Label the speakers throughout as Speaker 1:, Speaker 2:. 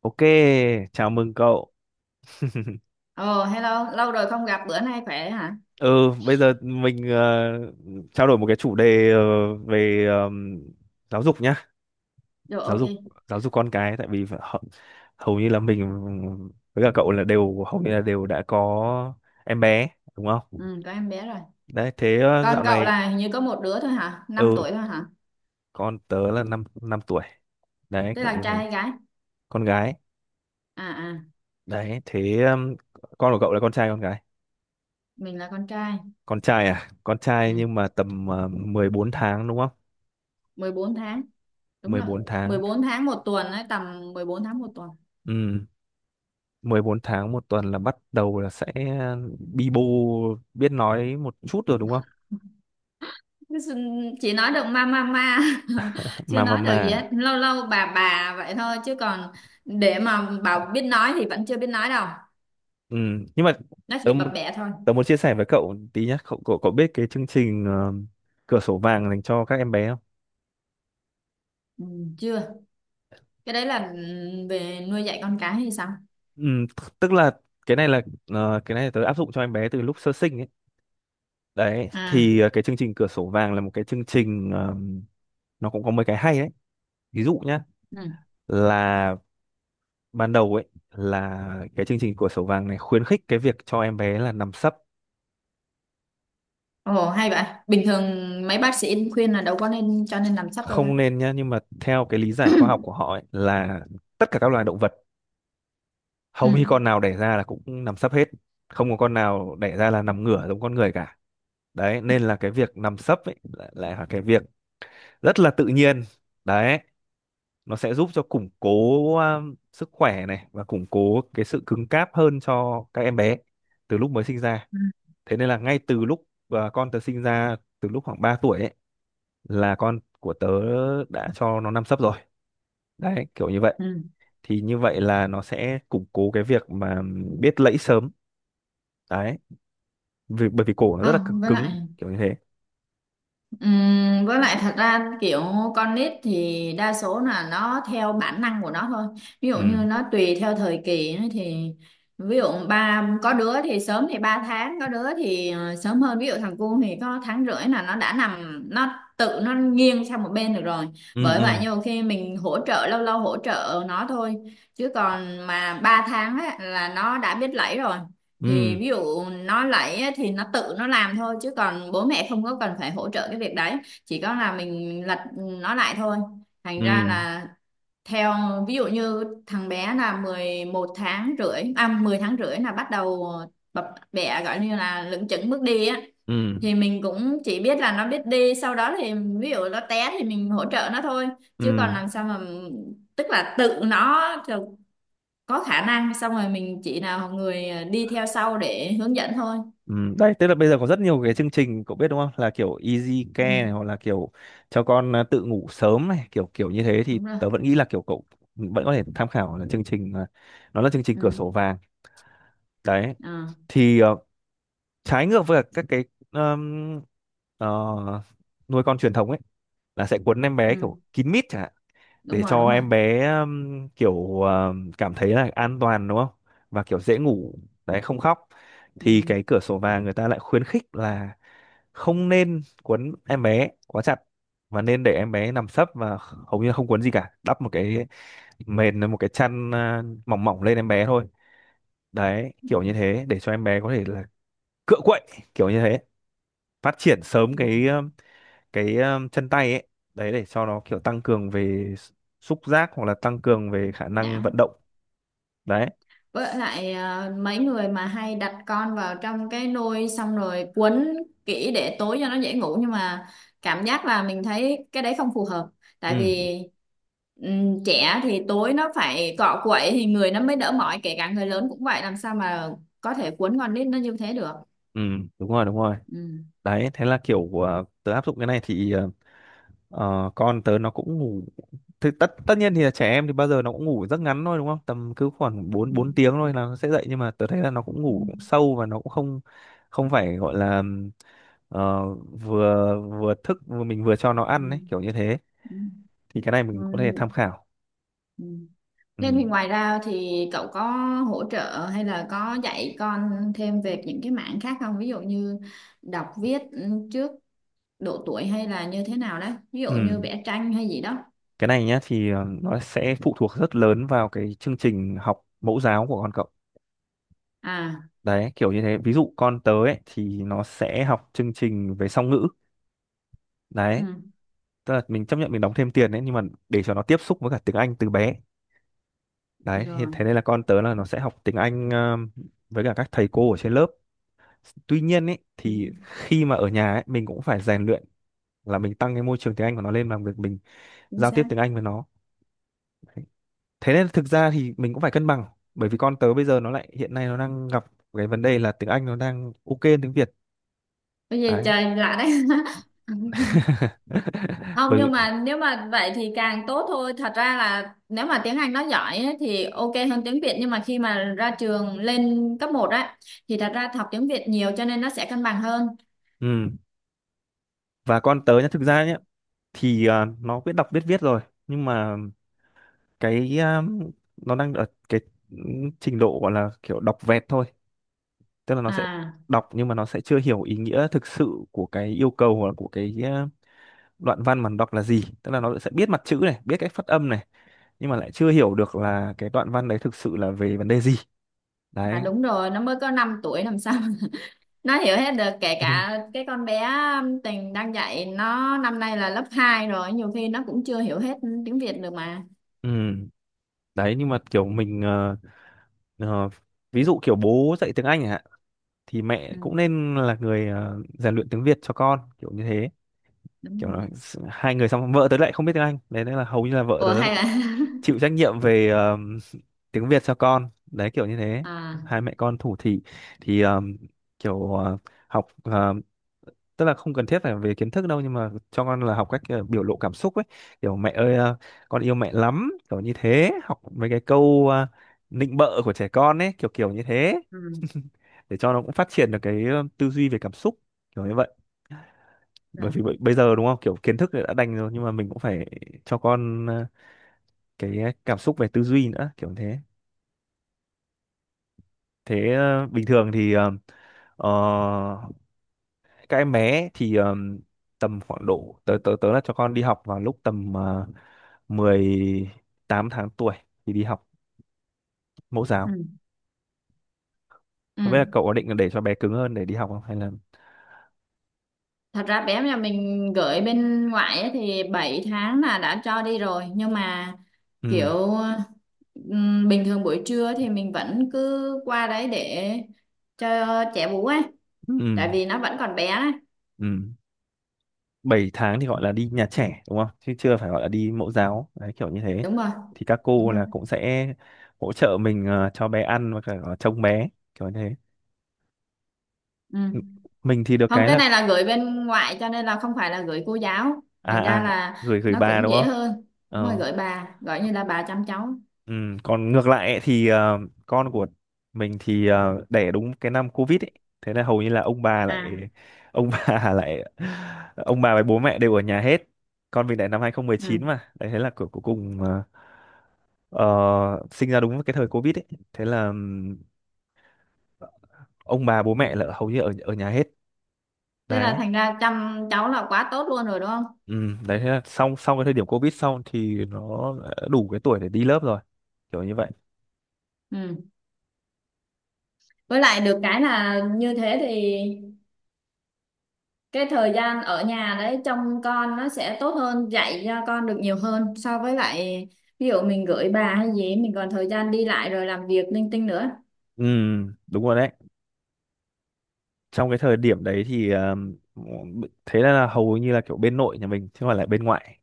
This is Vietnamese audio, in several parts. Speaker 1: Ok, chào mừng cậu.
Speaker 2: Ồ, hello, lâu rồi không gặp, bữa nay khỏe hả?
Speaker 1: Ừ, bây giờ mình trao đổi một cái chủ đề về giáo dục nhá,
Speaker 2: Rồi,
Speaker 1: giáo
Speaker 2: ok,
Speaker 1: dục giáo dục con cái tại vì hầu như là mình với cả cậu là đều hầu như là đều đã có em bé đúng không?
Speaker 2: ừ, có em bé rồi.
Speaker 1: Đấy, thế
Speaker 2: Con
Speaker 1: dạo
Speaker 2: cậu
Speaker 1: này
Speaker 2: là hình như có một đứa thôi hả? năm
Speaker 1: ừ,
Speaker 2: tuổi thôi hả?
Speaker 1: con tớ là 5 5 tuổi. Đấy,
Speaker 2: Thế
Speaker 1: kiểu
Speaker 2: là
Speaker 1: như
Speaker 2: trai
Speaker 1: thế.
Speaker 2: hay gái?
Speaker 1: Con gái.
Speaker 2: À, à,
Speaker 1: Đấy, thế con của cậu là con trai con gái?
Speaker 2: mình là con trai.
Speaker 1: Con trai à? Con trai
Speaker 2: Ừ,
Speaker 1: nhưng mà tầm 14 tháng đúng không?
Speaker 2: 14 tháng, đúng
Speaker 1: Mười
Speaker 2: rồi.
Speaker 1: bốn
Speaker 2: mười
Speaker 1: tháng.
Speaker 2: bốn tháng một tuần ấy, tầm 14 tháng một tuần.
Speaker 1: Ừ. 14 tháng một tuần là bắt đầu là sẽ bi bô biết nói một chút rồi đúng không?
Speaker 2: Chỉ nói được ma ma ma, chưa nói được gì
Speaker 1: Mà
Speaker 2: hết. Lâu lâu bà vậy thôi, chứ còn để mà bảo biết nói thì vẫn chưa biết nói đâu.
Speaker 1: ừ. Nhưng mà
Speaker 2: Nó
Speaker 1: tớ,
Speaker 2: chỉ bập
Speaker 1: mu-
Speaker 2: bẹ thôi.
Speaker 1: tớ muốn chia sẻ với cậu tí nhé. Cậu, cậu cậu biết cái chương trình cửa sổ vàng dành cho các em bé không?
Speaker 2: Ừ, chưa. Cái đấy là ừ, về nuôi dạy con cái hay sao?
Speaker 1: Ừ, tức là cái này là cái này là tớ áp dụng cho em bé từ lúc sơ sinh ấy. Đấy
Speaker 2: À.
Speaker 1: thì cái chương trình cửa sổ vàng là một cái chương trình nó cũng có mấy cái hay đấy. Ví dụ nhá,
Speaker 2: Ừ.
Speaker 1: là ban đầu ấy là cái chương trình cửa sổ vàng này khuyến khích cái việc cho em bé là nằm sấp,
Speaker 2: Ồ hay vậy. Bình thường mấy bác sĩ khuyên là đâu có nên cho nên làm sắp đâu ta.
Speaker 1: không nên nhá, nhưng mà theo cái lý giải khoa học của họ ấy, là tất cả các loài động vật
Speaker 2: Ừ.
Speaker 1: hầu như con nào đẻ ra là cũng nằm sấp hết, không có con nào đẻ ra là nằm ngửa giống con người cả. Đấy nên là cái việc nằm sấp ấy lại lại là cái việc rất là tự nhiên. Đấy, nó sẽ giúp cho củng cố sức khỏe này và củng cố cái sự cứng cáp hơn cho các em bé từ lúc mới sinh ra.
Speaker 2: Ừ.
Speaker 1: Thế nên là ngay từ lúc con tớ sinh ra, từ lúc khoảng 3 tuổi ấy là con của tớ đã cho nó nằm sấp rồi, đấy kiểu như vậy.
Speaker 2: Ừ.
Speaker 1: Thì như vậy là nó sẽ củng cố cái việc mà biết lẫy sớm, đấy vì bởi vì cổ nó rất là cứng
Speaker 2: Không,
Speaker 1: cứng kiểu như thế.
Speaker 2: Với lại thật ra kiểu con nít thì đa số là nó theo bản năng của nó thôi, ví dụ như
Speaker 1: Ừ
Speaker 2: nó tùy theo thời kỳ ấy thì ví dụ ba có đứa thì sớm thì 3 tháng, có đứa thì sớm hơn, ví dụ thằng cu thì có tháng rưỡi là nó đã nằm, nó tự nó nghiêng sang một bên được rồi.
Speaker 1: ừ
Speaker 2: Bởi vậy
Speaker 1: ừ
Speaker 2: nhiều khi mình hỗ trợ, lâu lâu hỗ trợ nó thôi, chứ còn mà 3 tháng ấy, là nó đã biết lẫy rồi. Thì
Speaker 1: ừ
Speaker 2: ví dụ nó lấy á, thì nó tự nó làm thôi, chứ còn bố mẹ không có cần phải hỗ trợ cái việc đấy, chỉ có là mình lật nó lại thôi. Thành
Speaker 1: ừ
Speaker 2: ra là theo ví dụ như thằng bé là 11 tháng rưỡi, à 10 tháng rưỡi là bắt đầu bập bẹ, gọi như là lững chững bước đi á.
Speaker 1: ừ
Speaker 2: Thì mình cũng chỉ biết là nó biết đi, sau đó thì ví dụ nó té thì mình hỗ trợ nó thôi,
Speaker 1: ừ
Speaker 2: chứ còn làm sao mà, tức là tự nó có khả năng xong rồi mình chỉ nào người đi theo sau để hướng dẫn thôi.
Speaker 1: ừ. Đấy tức là bây giờ có rất nhiều cái chương trình cậu biết đúng không, là kiểu easy
Speaker 2: Ừ,
Speaker 1: care này hoặc là kiểu cho con à, tự ngủ sớm này kiểu kiểu như thế, thì
Speaker 2: đúng rồi.
Speaker 1: tớ vẫn nghĩ là kiểu cậu vẫn có thể tham khảo là chương trình à, nó là chương trình cửa
Speaker 2: Ừ.
Speaker 1: sổ vàng. Đấy
Speaker 2: Ờ.
Speaker 1: thì trái ngược với cả các cái um, ờ, nuôi con truyền thống ấy là sẽ cuốn em bé kiểu
Speaker 2: Ừ.
Speaker 1: kín mít chẳng hạn,
Speaker 2: Đúng
Speaker 1: để
Speaker 2: rồi,
Speaker 1: cho
Speaker 2: đúng rồi.
Speaker 1: em bé kiểu cảm thấy là an toàn đúng không, và kiểu dễ ngủ, đấy không khóc. Thì
Speaker 2: Ừ.
Speaker 1: cái cửa sổ vàng người ta lại khuyến khích là không nên cuốn em bé quá chặt và nên để em bé nằm sấp và hầu như không cuốn gì cả, đắp một cái mền một cái chăn à, mỏng mỏng lên em bé thôi, đấy
Speaker 2: Ừ.
Speaker 1: kiểu như thế để cho em bé có thể là cựa quậy kiểu như thế, phát triển sớm
Speaker 2: Ừ.
Speaker 1: cái chân tay ấy. Đấy để cho nó kiểu tăng cường về s- xúc giác hoặc là tăng cường về
Speaker 2: Trí
Speaker 1: khả năng vận
Speaker 2: não.
Speaker 1: động. Đấy
Speaker 2: Với lại mấy người mà hay đặt con vào trong cái nôi xong rồi quấn kỹ để tối cho nó dễ ngủ, nhưng mà cảm giác là mình thấy cái đấy không phù hợp. Tại
Speaker 1: ừ
Speaker 2: vì trẻ thì tối nó phải cọ quậy thì người nó mới đỡ mỏi, kể cả người lớn cũng vậy, làm sao mà có thể quấn con nít nó như thế được.
Speaker 1: ừ đúng rồi đúng rồi.
Speaker 2: Ừ.
Speaker 1: Đấy thế là kiểu tớ áp dụng cái này thì con tớ nó cũng ngủ, thì tất tất nhiên thì là trẻ em thì bao giờ nó cũng ngủ rất ngắn thôi đúng không, tầm cứ khoảng bốn
Speaker 2: Ừ.
Speaker 1: 4 tiếng thôi là nó sẽ dậy, nhưng mà tớ thấy là nó cũng
Speaker 2: Ừ,
Speaker 1: ngủ sâu và nó cũng không không phải gọi là vừa vừa thức vừa mình vừa cho nó
Speaker 2: ừ,
Speaker 1: ăn ấy kiểu như thế.
Speaker 2: ừ.
Speaker 1: Thì cái này mình
Speaker 2: Rồi,
Speaker 1: có thể tham khảo.
Speaker 2: ừ.
Speaker 1: Ừ.
Speaker 2: Nên thì ngoài ra thì cậu có hỗ trợ hay là có dạy con thêm về những cái mảng khác không? Ví dụ như đọc viết ừ, trước độ tuổi, hay là như thế nào đó? Ví dụ như
Speaker 1: Ừ.
Speaker 2: vẽ tranh hay gì đó.
Speaker 1: Cái này nhá thì nó sẽ phụ thuộc rất lớn vào cái chương trình học mẫu giáo của con cậu,
Speaker 2: À.
Speaker 1: đấy kiểu như thế. Ví dụ con tớ ấy, thì nó sẽ học chương trình về song ngữ. Đấy
Speaker 2: Ừ.
Speaker 1: tức là mình chấp nhận mình đóng thêm tiền đấy nhưng mà để cho nó tiếp xúc với cả tiếng Anh từ bé. Đấy thì
Speaker 2: Rồi.
Speaker 1: thế nên là con tớ là nó sẽ học tiếng Anh với cả các thầy cô ở trên lớp. Tuy nhiên ấy
Speaker 2: Ừ.
Speaker 1: thì khi mà ở nhà ấy mình cũng phải rèn luyện là mình tăng cái môi trường tiếng Anh của nó lên bằng việc mình
Speaker 2: Chính
Speaker 1: giao tiếp
Speaker 2: xác.
Speaker 1: tiếng Anh với nó. Thế nên thực ra thì mình cũng phải cân bằng, bởi vì con tớ bây giờ nó lại hiện nay nó đang gặp cái vấn đề là tiếng Anh nó đang ok hơn tiếng Việt.
Speaker 2: Bây giờ
Speaker 1: Đấy
Speaker 2: trời lạ đấy. Không,
Speaker 1: bởi vì
Speaker 2: nhưng mà nếu mà vậy thì càng tốt thôi, thật ra là nếu mà tiếng Anh nó giỏi ấy, thì ok hơn tiếng Việt, nhưng mà khi mà ra trường lên cấp một á thì thật ra học tiếng Việt nhiều cho nên nó sẽ cân bằng hơn.
Speaker 1: ừ. Và con tớ nhá, thực ra nhá, thì à, nó biết đọc biết viết rồi nhưng mà cái à, nó đang ở cái trình độ gọi là kiểu đọc vẹt thôi, tức là nó sẽ
Speaker 2: À
Speaker 1: đọc nhưng mà nó sẽ chưa hiểu ý nghĩa thực sự của cái yêu cầu hoặc là của cái à, đoạn văn mà nó đọc là gì, tức là nó sẽ biết mặt chữ này biết cách phát âm này, nhưng mà lại chưa hiểu được là cái đoạn văn đấy thực sự là về vấn đề gì.
Speaker 2: mà
Speaker 1: Đấy
Speaker 2: đúng rồi, nó mới có 5 tuổi làm sao nó hiểu hết được, kể cả cái con bé Tình đang dạy nó năm nay là lớp 2 rồi, nhiều khi nó cũng chưa hiểu hết tiếng Việt được mà.
Speaker 1: ừ. Đấy nhưng mà kiểu mình ờ, ví dụ kiểu bố dạy tiếng Anh chẳng hạn thì mẹ cũng
Speaker 2: Ừ,
Speaker 1: nên là người rèn luyện tiếng Việt cho con kiểu như thế.
Speaker 2: đúng
Speaker 1: Kiểu
Speaker 2: rồi.
Speaker 1: là hai người, xong vợ tớ lại không biết tiếng Anh đấy nên là hầu như là vợ
Speaker 2: Ủa
Speaker 1: tớ
Speaker 2: hay là
Speaker 1: chịu trách nhiệm về tiếng Việt cho con, đấy kiểu như thế.
Speaker 2: à.
Speaker 1: Hai mẹ con thủ thị thì kiểu học tức là không cần thiết phải về kiến thức đâu nhưng mà cho con là học cách biểu lộ cảm xúc ấy, kiểu mẹ ơi con yêu mẹ lắm kiểu như thế, học mấy cái câu nịnh bợ của trẻ con ấy kiểu kiểu như thế
Speaker 2: Ừ.
Speaker 1: để cho nó cũng phát triển được cái tư duy về cảm xúc kiểu như vậy. Bởi
Speaker 2: Rồi.
Speaker 1: vì bây giờ đúng không, kiểu kiến thức đã đành rồi nhưng mà mình cũng phải cho con cái cảm xúc về tư duy nữa kiểu như thế. Thế bình thường thì ờ, các em bé thì tầm khoảng độ tớ tớ tớ là cho con đi học vào lúc tầm 18 tháng tuổi thì đi học mẫu
Speaker 2: Ừ.
Speaker 1: giáo. Không biết là
Speaker 2: Ừ.
Speaker 1: cậu có định để cho bé cứng hơn để đi học không hay là
Speaker 2: Thật ra bé nhà mình gửi bên ngoại ấy, thì 7 tháng là đã cho đi rồi, nhưng mà
Speaker 1: ừ
Speaker 2: kiểu bình thường buổi trưa thì mình vẫn cứ qua đấy để cho trẻ bú ấy,
Speaker 1: ừ
Speaker 2: tại vì nó vẫn còn bé ấy.
Speaker 1: ừ. 7 tháng thì gọi là đi nhà trẻ đúng không chứ chưa phải gọi là đi mẫu giáo, đấy kiểu như thế.
Speaker 2: Đúng rồi,
Speaker 1: Thì các
Speaker 2: đúng
Speaker 1: cô
Speaker 2: rồi.
Speaker 1: là cũng sẽ hỗ trợ mình cho bé ăn và cả trông bé kiểu như thế.
Speaker 2: Ừ.
Speaker 1: Ừ. Mình thì được
Speaker 2: Không,
Speaker 1: cái
Speaker 2: cái
Speaker 1: là
Speaker 2: này là gửi bên ngoại cho nên là không phải là gửi cô giáo,
Speaker 1: à
Speaker 2: thành ra
Speaker 1: à.
Speaker 2: là
Speaker 1: Gửi gửi
Speaker 2: nó
Speaker 1: bà
Speaker 2: cũng
Speaker 1: đúng
Speaker 2: dễ
Speaker 1: không.
Speaker 2: hơn. Đúng rồi,
Speaker 1: Ờ.
Speaker 2: gửi bà, gọi như là bà chăm cháu.
Speaker 1: Ừ, còn ngược lại ấy, thì con của mình thì đẻ đúng cái năm Covid ấy. Thế là hầu như là ông bà
Speaker 2: À.
Speaker 1: lại ông bà lại ông bà với bố mẹ đều ở nhà hết. Con mình đẻ năm hai không một
Speaker 2: Ừ.
Speaker 1: chín mà. Đấy thế là cuối cuối cùng ờ, sinh ra đúng với cái thời Covid ấy. Thế là ông bà bố mẹ là hầu như ở ở nhà hết.
Speaker 2: Thế là
Speaker 1: Đấy.
Speaker 2: thành ra chăm cháu là quá tốt luôn rồi đúng không?
Speaker 1: Ừ, đấy thế là xong xong cái thời điểm Covid xong thì nó đã đủ cái tuổi để đi lớp rồi. Kiểu như vậy.
Speaker 2: Ừ, với lại được cái là như thế thì cái thời gian ở nhà đấy trông con nó sẽ tốt hơn, dạy cho con được nhiều hơn, so với lại ví dụ mình gửi bà hay gì mình còn thời gian đi lại rồi làm việc linh tinh nữa.
Speaker 1: Ừ, đúng rồi đấy. Trong cái thời điểm đấy thì thế là hầu như là kiểu bên nội nhà mình chứ không phải là bên ngoại,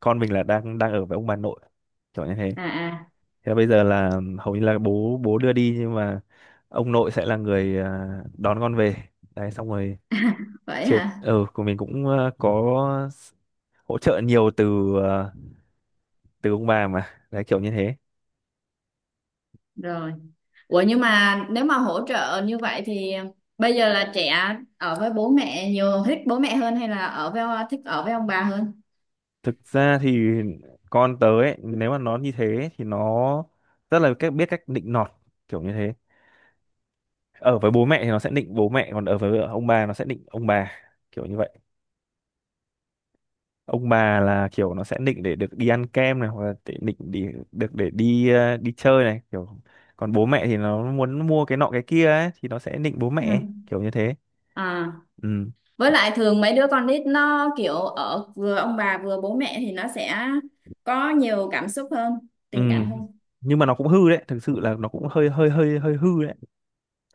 Speaker 1: con mình là đang đang ở với ông bà nội kiểu như thế.
Speaker 2: À,
Speaker 1: Thế là bây giờ là hầu như là bố bố đưa đi nhưng mà ông nội sẽ là người đón con về, đấy xong rồi
Speaker 2: à. Vậy
Speaker 1: chia
Speaker 2: hả?
Speaker 1: ừ của mình cũng có s- hỗ trợ nhiều từ à, từ ông bà mà đấy kiểu như thế.
Speaker 2: Rồi. Ủa nhưng mà nếu mà hỗ trợ như vậy thì bây giờ là trẻ ở với bố mẹ nhiều thích bố mẹ hơn hay là ở với thích ở với ông bà hơn?
Speaker 1: Thực ra thì con tớ ấy, nếu mà nó như thế thì nó rất là cách biết cách định nọt kiểu như thế, ở với bố mẹ thì nó sẽ định bố mẹ còn ở với ông bà nó sẽ định ông bà kiểu như vậy. Ông bà là kiểu nó sẽ định để được đi ăn kem này hoặc là để định để được để đi đi chơi này kiểu, còn bố mẹ thì nó muốn mua cái nọ cái kia ấy thì nó sẽ định bố
Speaker 2: Ừ.
Speaker 1: mẹ kiểu như thế.
Speaker 2: À,
Speaker 1: Ừ
Speaker 2: với lại thường mấy đứa con nít nó kiểu ở vừa ông bà vừa bố mẹ thì nó sẽ có nhiều cảm xúc hơn,
Speaker 1: ừ.
Speaker 2: tình cảm hơn.
Speaker 1: Nhưng mà nó cũng hư đấy, thực sự là nó cũng hơi hơi hư đấy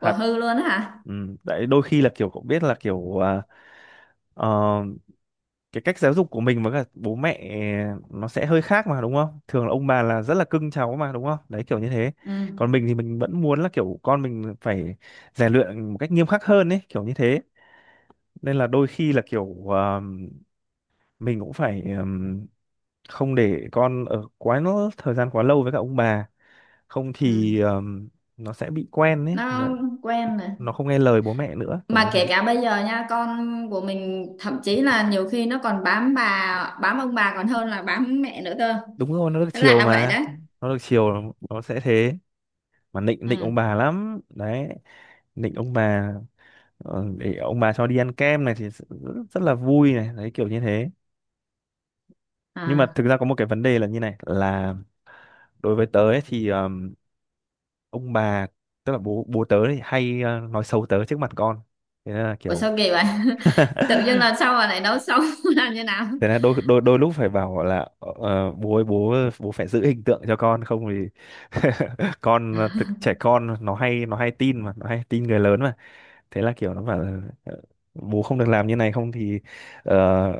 Speaker 1: thật.
Speaker 2: hư luôn á hả?
Speaker 1: Ừ. Tại đôi khi là kiểu cũng biết là kiểu ờ, cái cách giáo dục của mình với cả bố mẹ nó sẽ hơi khác mà đúng không? Thường là ông bà là rất là cưng cháu mà đúng không? Đấy kiểu như thế. Còn
Speaker 2: Ừ.
Speaker 1: mình thì mình vẫn muốn là kiểu con mình phải rèn luyện một cách nghiêm khắc hơn ấy, kiểu như thế. Nên là đôi khi là kiểu mình cũng phải không để con ở quá nó thời gian quá lâu với cả ông bà, không
Speaker 2: Ừ,
Speaker 1: thì nó sẽ bị quen ấy.
Speaker 2: nó quen rồi.
Speaker 1: Nó không nghe lời bố mẹ nữa, kiểu như
Speaker 2: Mà
Speaker 1: thế.
Speaker 2: kể cả bây giờ nha, con của mình thậm chí là nhiều khi nó còn bám bà, bám ông bà còn hơn là bám mẹ nữa cơ.
Speaker 1: Đúng rồi, nó được
Speaker 2: Nó
Speaker 1: chiều
Speaker 2: lạ vậy
Speaker 1: mà.
Speaker 2: đấy.
Speaker 1: Nó được chiều nó sẽ thế. Mà nịnh nịnh ông
Speaker 2: Ừ.
Speaker 1: bà lắm đấy, nịnh ông bà để ông bà cho đi ăn kem này thì rất, rất là vui này đấy kiểu như thế. Nhưng mà
Speaker 2: À.
Speaker 1: thực ra có một cái vấn đề là như này là đối với tớ ấy, thì ông bà tức là bố bố tớ thì hay nói xấu tớ trước mặt con, thế nên là
Speaker 2: Ủa
Speaker 1: kiểu
Speaker 2: sao kỳ vậy? Tự dưng lần sau mà lại nấu xong làm như nào?
Speaker 1: thế là đôi đôi đôi lúc phải bảo là bố ơi, bố bố phải giữ hình tượng cho con không thì con thực, trẻ con nó hay tin mà nó hay tin người lớn, thế là kiểu nó bảo là "Ờ, bố không được làm như này không thì ờ,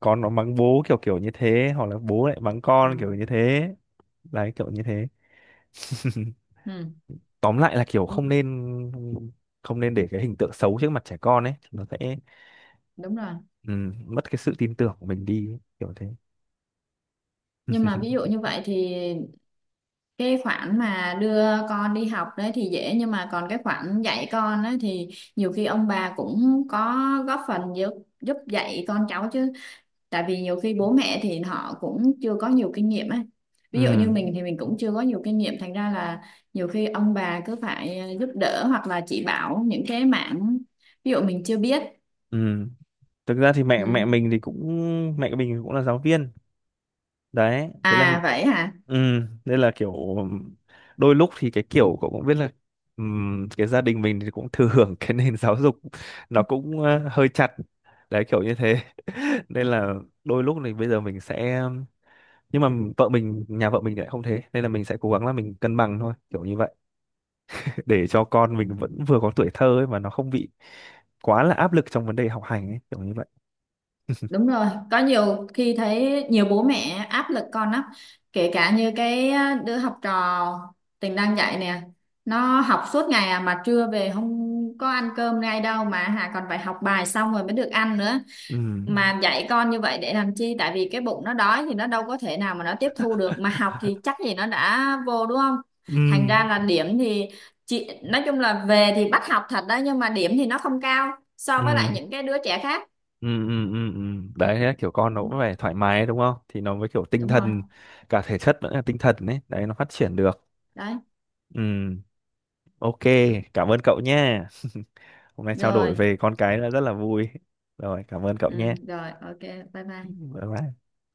Speaker 1: con nó mắng bố kiểu kiểu như thế hoặc là bố lại mắng
Speaker 2: Ừ.
Speaker 1: con kiểu như thế, đấy kiểu như thế.
Speaker 2: Ừ.
Speaker 1: Tóm lại là kiểu không nên, không nên để cái hình tượng xấu trước mặt trẻ con ấy, nó sẽ
Speaker 2: Đúng rồi.
Speaker 1: ừ, mất cái sự tin tưởng của mình đi ấy, kiểu thế.
Speaker 2: Nhưng mà ví dụ như vậy thì cái khoản mà đưa con đi học đấy thì dễ, nhưng mà còn cái khoản dạy con ấy thì nhiều khi ông bà cũng có góp phần giúp, giúp dạy con cháu chứ, tại vì nhiều khi bố mẹ thì họ cũng chưa có nhiều kinh nghiệm ấy,
Speaker 1: Ừ
Speaker 2: ví dụ như mình thì mình cũng chưa có nhiều kinh nghiệm, thành ra là nhiều khi ông bà cứ phải giúp đỡ hoặc là chỉ bảo những cái mảng ví dụ mình chưa biết.
Speaker 1: ừ. Thực ra thì mẹ mẹ
Speaker 2: Ừ.
Speaker 1: mình thì cũng mẹ mình cũng là giáo viên, đấy thế là
Speaker 2: À vậy hả?
Speaker 1: ừ, nên là kiểu đôi lúc thì cái kiểu cậu cũng biết là cái gia đình mình thì cũng thừa hưởng cái nền giáo dục nó cũng hơi chặt, đấy kiểu như thế nên là đôi lúc thì bây giờ mình sẽ, nhưng mà vợ mình, nhà vợ mình thì lại không, thế nên là mình sẽ cố gắng là mình cân bằng thôi kiểu như vậy để cho con mình vẫn vừa có tuổi thơ ấy mà nó không bị quá là áp lực trong vấn đề học hành ấy kiểu như vậy.
Speaker 2: Đúng rồi, có nhiều khi thấy nhiều bố mẹ áp lực con lắm, kể cả như cái đứa học trò Tình đang dạy nè, nó học suốt ngày à, mà trưa về không có ăn cơm ngay đâu, mà Hà còn phải học bài xong rồi mới được ăn nữa.
Speaker 1: Ừ
Speaker 2: Mà dạy con như vậy để làm chi? Tại vì cái bụng nó đói thì nó đâu có thể nào mà nó tiếp thu được, mà học thì chắc gì nó đã vô đúng không?
Speaker 1: ừ
Speaker 2: Thành ra là điểm thì chị nói chung là về thì bắt học thật đó, nhưng mà điểm thì nó không cao so với lại
Speaker 1: ừ
Speaker 2: những cái đứa trẻ khác.
Speaker 1: ừ ừ ừ ừ. Đấy thế kiểu con nó cũng phải thoải mái đúng không thì nó mới kiểu tinh
Speaker 2: Đúng rồi.
Speaker 1: thần cả thể chất lẫn là tinh thần đấy, đấy nó phát triển được.
Speaker 2: Đấy.
Speaker 1: Ừ, ok, cảm ơn cậu nhé. Hôm nay trao
Speaker 2: Rồi.
Speaker 1: đổi về con cái là rất là vui, rồi cảm ơn cậu
Speaker 2: Ừ,
Speaker 1: nhé,
Speaker 2: rồi ok bye bye.
Speaker 1: bye bye.